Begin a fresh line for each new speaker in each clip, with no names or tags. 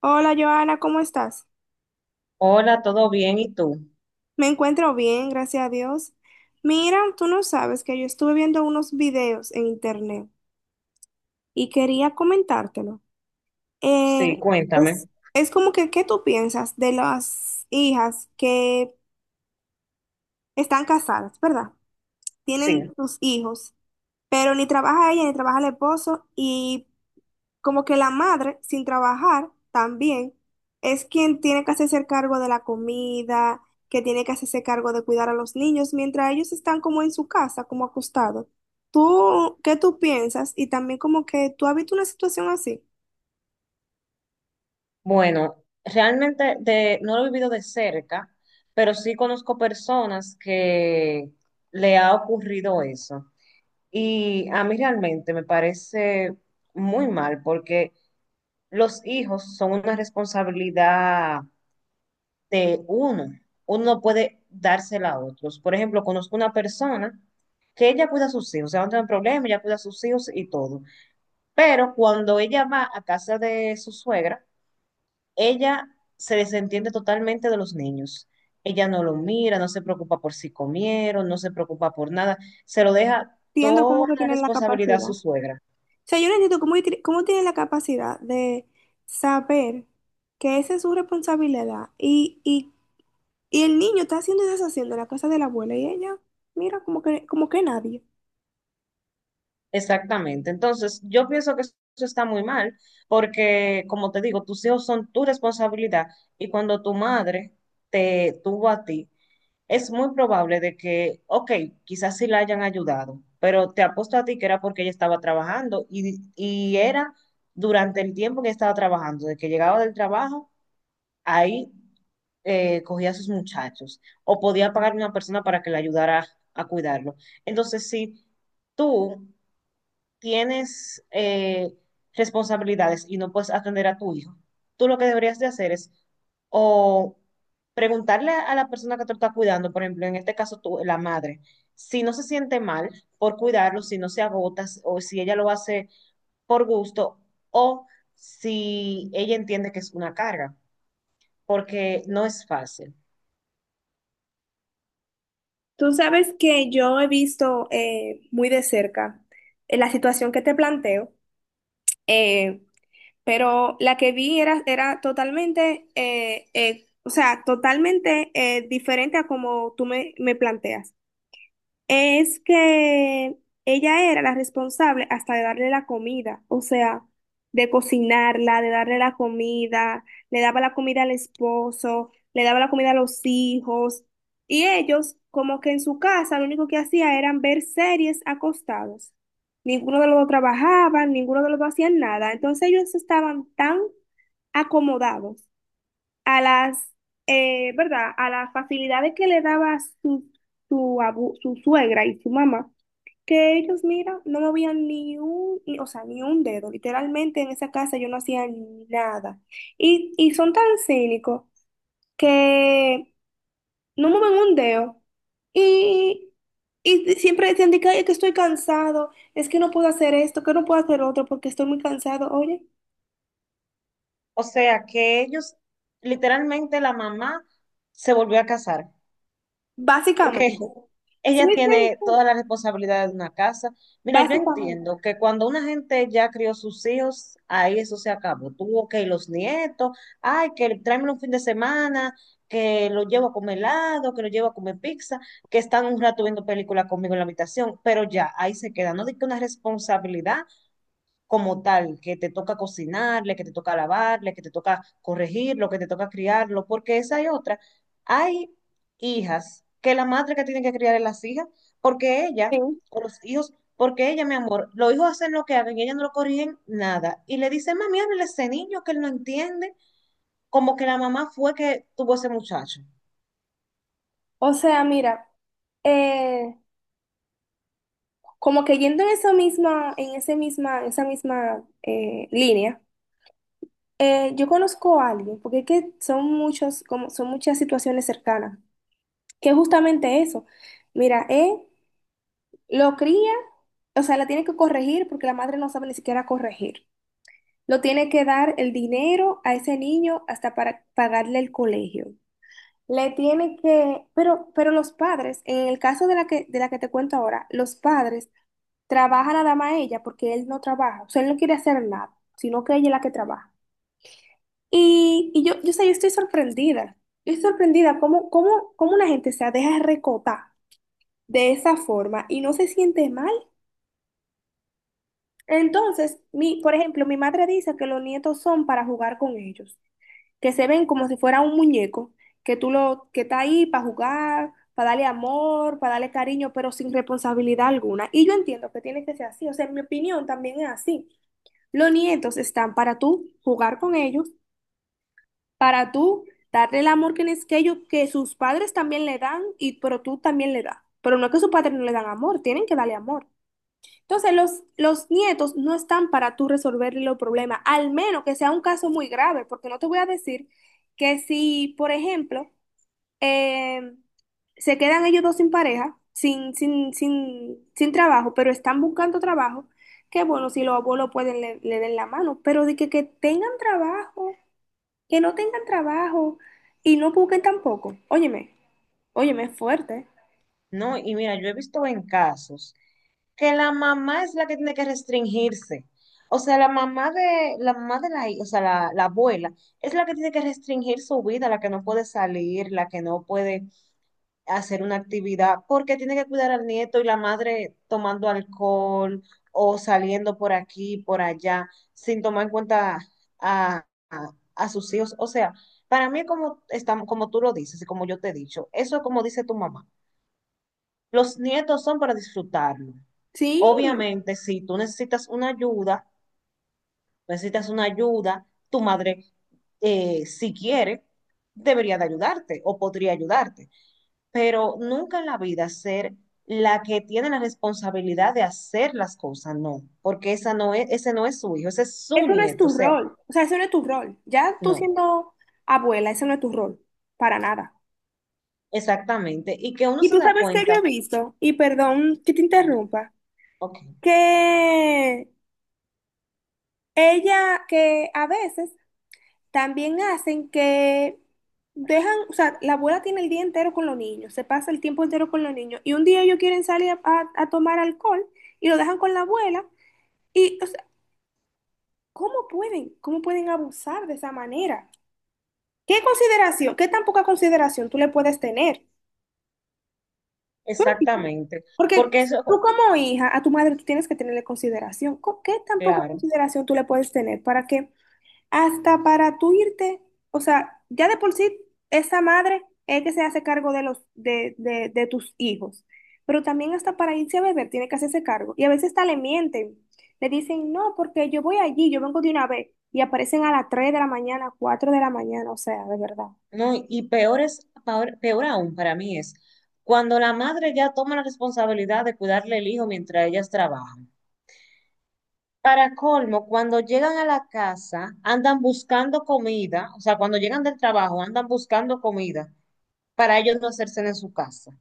Hola Joana, ¿cómo estás?
Hola, ¿todo bien? ¿Y tú?
Me encuentro bien, gracias a Dios. Mira, tú no sabes que yo estuve viendo unos videos en internet y quería comentártelo. Eh,
Sí, cuéntame.
es, es como que, ¿qué tú piensas de las hijas que están casadas, ¿verdad? Tienen
Sí.
sus hijos, pero ni trabaja ella ni trabaja el esposo y como que la madre, sin trabajar, también es quien tiene que hacerse cargo de la comida, que tiene que hacerse cargo de cuidar a los niños, mientras ellos están como en su casa, como acostados. ¿Tú qué tú piensas? Y también como que tú has visto una situación así,
Bueno, realmente no lo he vivido de cerca, pero sí conozco personas que le ha ocurrido eso. Y a mí realmente me parece muy mal porque los hijos son una responsabilidad de uno. Uno no puede dársela a otros. Por ejemplo, conozco una persona que ella cuida a sus hijos, o sea, no tiene problema, ella cuida a sus hijos y todo. Pero cuando ella va a casa de su suegra, ella se desentiende totalmente de los niños. Ella no lo mira, no se preocupa por si comieron, no se preocupa por nada. Se lo deja
entiendo cómo
toda
que
la
tienen la
responsabilidad a
capacidad.
su
O
suegra.
sea, yo no entiendo cómo, cómo tienen la capacidad de saber que esa es su responsabilidad y el niño está haciendo y deshaciendo la casa de la abuela y ella, mira, como que nadie.
Exactamente. Entonces, yo pienso que eso está muy mal, porque como te digo, tus hijos son tu responsabilidad y cuando tu madre te tuvo a ti, es muy probable de que, ok, quizás sí la hayan ayudado, pero te apuesto a ti que era porque ella estaba trabajando y era durante el tiempo que estaba trabajando, de que llegaba del trabajo, ahí cogía a sus muchachos o podía pagar a una persona para que le ayudara a cuidarlo. Entonces, si tú tienes responsabilidades y no puedes atender a tu hijo, tú lo que deberías de hacer es o preguntarle a la persona que te está cuidando, por ejemplo, en este caso tú, la madre, si no se siente mal por cuidarlo, si no se agota o si ella lo hace por gusto o si ella entiende que es una carga, porque no es fácil.
Tú sabes que yo he visto muy de cerca la situación que te planteo, eh, pero la que vi era, era totalmente, o sea, totalmente diferente a como tú me planteas. Es que ella era la responsable hasta de darle la comida, o sea, de cocinarla, de darle la comida, le daba la comida al esposo, le daba la comida a los hijos, y ellos como que en su casa lo único que hacía eran ver series acostados. Ninguno de los dos trabajaba, ninguno de los dos hacía nada, entonces ellos estaban tan acomodados a ¿verdad? A las facilidades que le daba su, su suegra y su mamá, que ellos, mira, no movían ni un, ni- o sea, ni un dedo. Literalmente en esa casa yo no hacía nada. Y son tan cínicos que no mueven un dedo. Y, y siempre decían de que, "Ay, es que estoy cansado, es que no puedo hacer esto, que no puedo hacer otro porque estoy muy cansado. Oye,
O sea que ellos, literalmente la mamá se volvió a casar,
básicamente.
porque
Sí,
ella
sí,
tiene
sí,
toda la responsabilidad de una casa. Mira, yo
básicamente.
entiendo que cuando una gente ya crió sus hijos, ahí eso se acabó. Tuvo que los nietos, ay, que tráeme un fin de semana, que lo llevo a comer helado, que lo llevo a comer pizza, que están un rato viendo películas conmigo en la habitación, pero ya ahí se queda. No digo una responsabilidad como tal, que te toca cocinarle, que te toca lavarle, que te toca corregirlo, que te toca criarlo, porque esa y otra. Hay hijas que la madre que tiene que criar es las hijas, porque ella,
Sí.
o los hijos, porque ella, mi amor, los hijos hacen lo que hagan y ella no lo corrigen nada. Y le dice, mami, háblele a ese niño que él no entiende, como que la mamá fue que tuvo ese muchacho.
O sea, mira, eh, como que yendo en esa misma, esa misma línea, yo conozco a alguien, porque es que son muchos, como son muchas situaciones cercanas, que es justamente eso. Mira, él lo cría, o sea, la tiene que corregir porque la madre no sabe ni siquiera corregir. Lo tiene que dar el dinero a ese niño hasta para pagarle el colegio. Le tiene que, pero, los padres, en el caso de de la que te cuento ahora, los padres trabajan nada más ella porque él no trabaja, o sea, él no quiere hacer nada, sino que ella es la que trabaja. Sé, yo estoy sorprendida cómo una gente se deja recotar de esa forma y no se siente mal. Entonces, por ejemplo, mi madre dice que los nietos son para jugar con ellos, que se ven como si fuera un muñeco, que que está ahí para jugar, para darle amor, para darle cariño, pero sin responsabilidad alguna. Y yo entiendo que tiene que ser así, o sea, en mi opinión también es así. Los nietos están para tú jugar con ellos, para tú darle el amor que que sus padres también le dan, y pero tú también le das. Pero no es que sus padres no le dan amor, tienen que darle amor. Entonces, los nietos no están para tú resolverle los problemas, al menos que sea un caso muy grave, porque no te voy a decir que si, por ejemplo, eh, se quedan ellos dos sin pareja, sin trabajo, pero están buscando trabajo, que bueno, si los abuelos pueden, le den la mano, pero de que tengan trabajo, que no tengan trabajo y no busquen tampoco. Óyeme, óyeme, es fuerte.
No, y mira, yo he visto en casos que la mamá es la que tiene que restringirse. O sea, la mamá de o sea, la abuela es la que tiene que restringir su vida, la que no puede salir, la que no puede hacer una actividad, porque tiene que cuidar al nieto y la madre tomando alcohol o saliendo por aquí, por allá, sin tomar en cuenta a, a- a sus hijos. O sea, para mí, como, estamos, como tú lo dices y como yo te he dicho, eso es como dice tu mamá. Los nietos son para disfrutarlo.
Sí.
Obviamente, si tú necesitas una ayuda, tu madre, si quiere, debería de ayudarte o podría ayudarte, pero nunca en la vida ser la que tiene la responsabilidad de hacer las cosas, no, porque esa no es, ese no es su hijo, ese es su
Eso no es
nieto, o
tu
sea,
rol, o sea, eso no es tu rol. Ya tú
no,
siendo abuela, eso no es tu rol, para nada.
exactamente, y que uno
Y
se
tú
da
sabes que yo he
cuenta,
visto, y perdón que te
ah,
interrumpa,
ok,
que ella, que a veces también hacen que dejan, o sea, la abuela tiene el día entero con los niños, se pasa el tiempo entero con los niños, y un día ellos quieren salir a tomar alcohol y lo dejan con la abuela, y, o sea, ¿cómo pueden? ¿Cómo pueden abusar de esa manera? ¿Qué consideración, qué tan poca consideración tú le puedes tener? ¿Tú lo entiendes?
exactamente,
Porque
porque
tú
eso,
como hija, a tu madre tú tienes que tenerle consideración. ¿Con ¿Qué tan poca
claro,
consideración tú le puedes tener para que hasta para tú irte, o sea, ya de por sí esa madre es que se hace cargo de de tus hijos, pero también hasta para irse a beber tiene que hacerse cargo. Y a veces hasta le mienten, le dicen, no, porque yo voy allí, yo vengo de una vez, y aparecen a las 3 de la mañana, 4 de la mañana, o sea, de verdad.
no, y peor es, peor, aún para mí es cuando la madre ya toma la responsabilidad de cuidarle el hijo mientras ellas trabajan. Para colmo, cuando llegan a la casa, andan buscando comida, o sea, cuando llegan del trabajo, andan buscando comida para ellos no hacerse en su casa.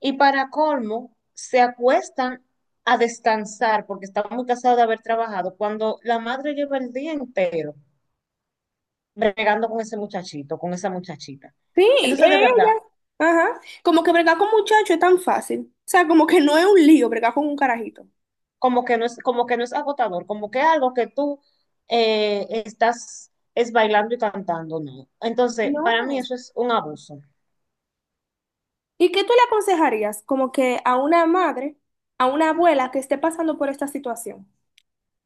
Y para colmo, se acuestan a descansar porque están muy cansados de haber trabajado, cuando la madre lleva el día entero bregando con ese muchachito, con esa muchachita.
Sí,
Entonces, de verdad,
ella. Ajá. Como que bregar con muchachos es tan fácil. O sea, como que no es un lío bregar con un carajito.
como que no es, como que no es agotador, como que algo que tú estás es bailando y cantando, no. Entonces, para mí
No.
eso es un abuso.
¿Y qué tú le aconsejarías como que a una madre, a una abuela que esté pasando por esta situación?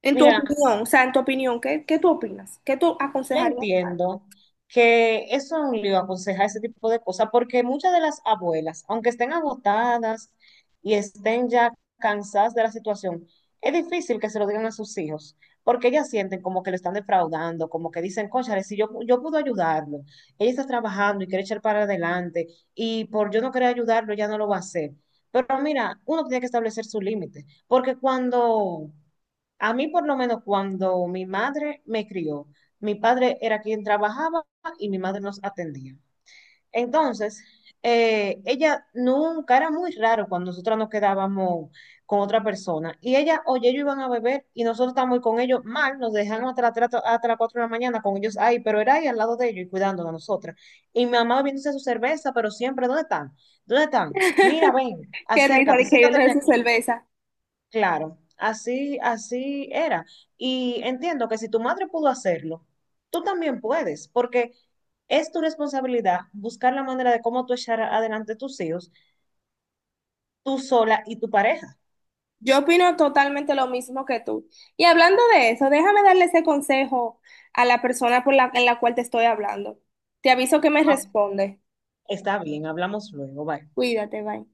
En tu
Mira,
opinión, o sea, en tu opinión, ¿qué tú opinas? ¿Qué tú
yo
aconsejarías?
entiendo que eso es un lío aconsejar ese tipo de cosas, porque muchas de las abuelas, aunque estén agotadas y estén ya cansadas de la situación, es difícil que se lo digan a sus hijos, porque ellas sienten como que lo están defraudando, como que dicen, cónchale, si yo puedo ayudarlo, ella está trabajando y quiere echar para adelante, y por yo no querer ayudarlo, ya no lo va a hacer. Pero mira, uno tiene que establecer su límite, porque cuando, a mí por lo menos cuando mi madre me crió, mi padre era quien trabajaba y mi madre nos atendía. Entonces, ella nunca, era muy raro cuando nosotras nos quedábamos con otra persona. Y ella, oye, ellos iban a beber y nosotros estábamos con ellos mal, nos dejaron hasta, hasta las 4 de la mañana con ellos ahí, pero era ahí al lado de ellos y cuidándonos a nosotras. Y mi mamá bebiéndose su cerveza, pero siempre, ¿dónde están? ¿Dónde están? Mira, ven,
Qué risa
acércate,
de que
siéntate
viendo de su
aquí.
cerveza.
Claro, así, así era. Y entiendo que si tu madre pudo hacerlo, tú también puedes, porque es tu responsabilidad buscar la manera de cómo tú echar adelante tus hijos, tú sola y tu pareja.
Yo opino totalmente lo mismo que tú. Y hablando de eso, déjame darle ese consejo a la persona por en la cual te estoy hablando. Te aviso que me
Ah,
responde.
está bien, hablamos luego, bye.
Cuídate, bye.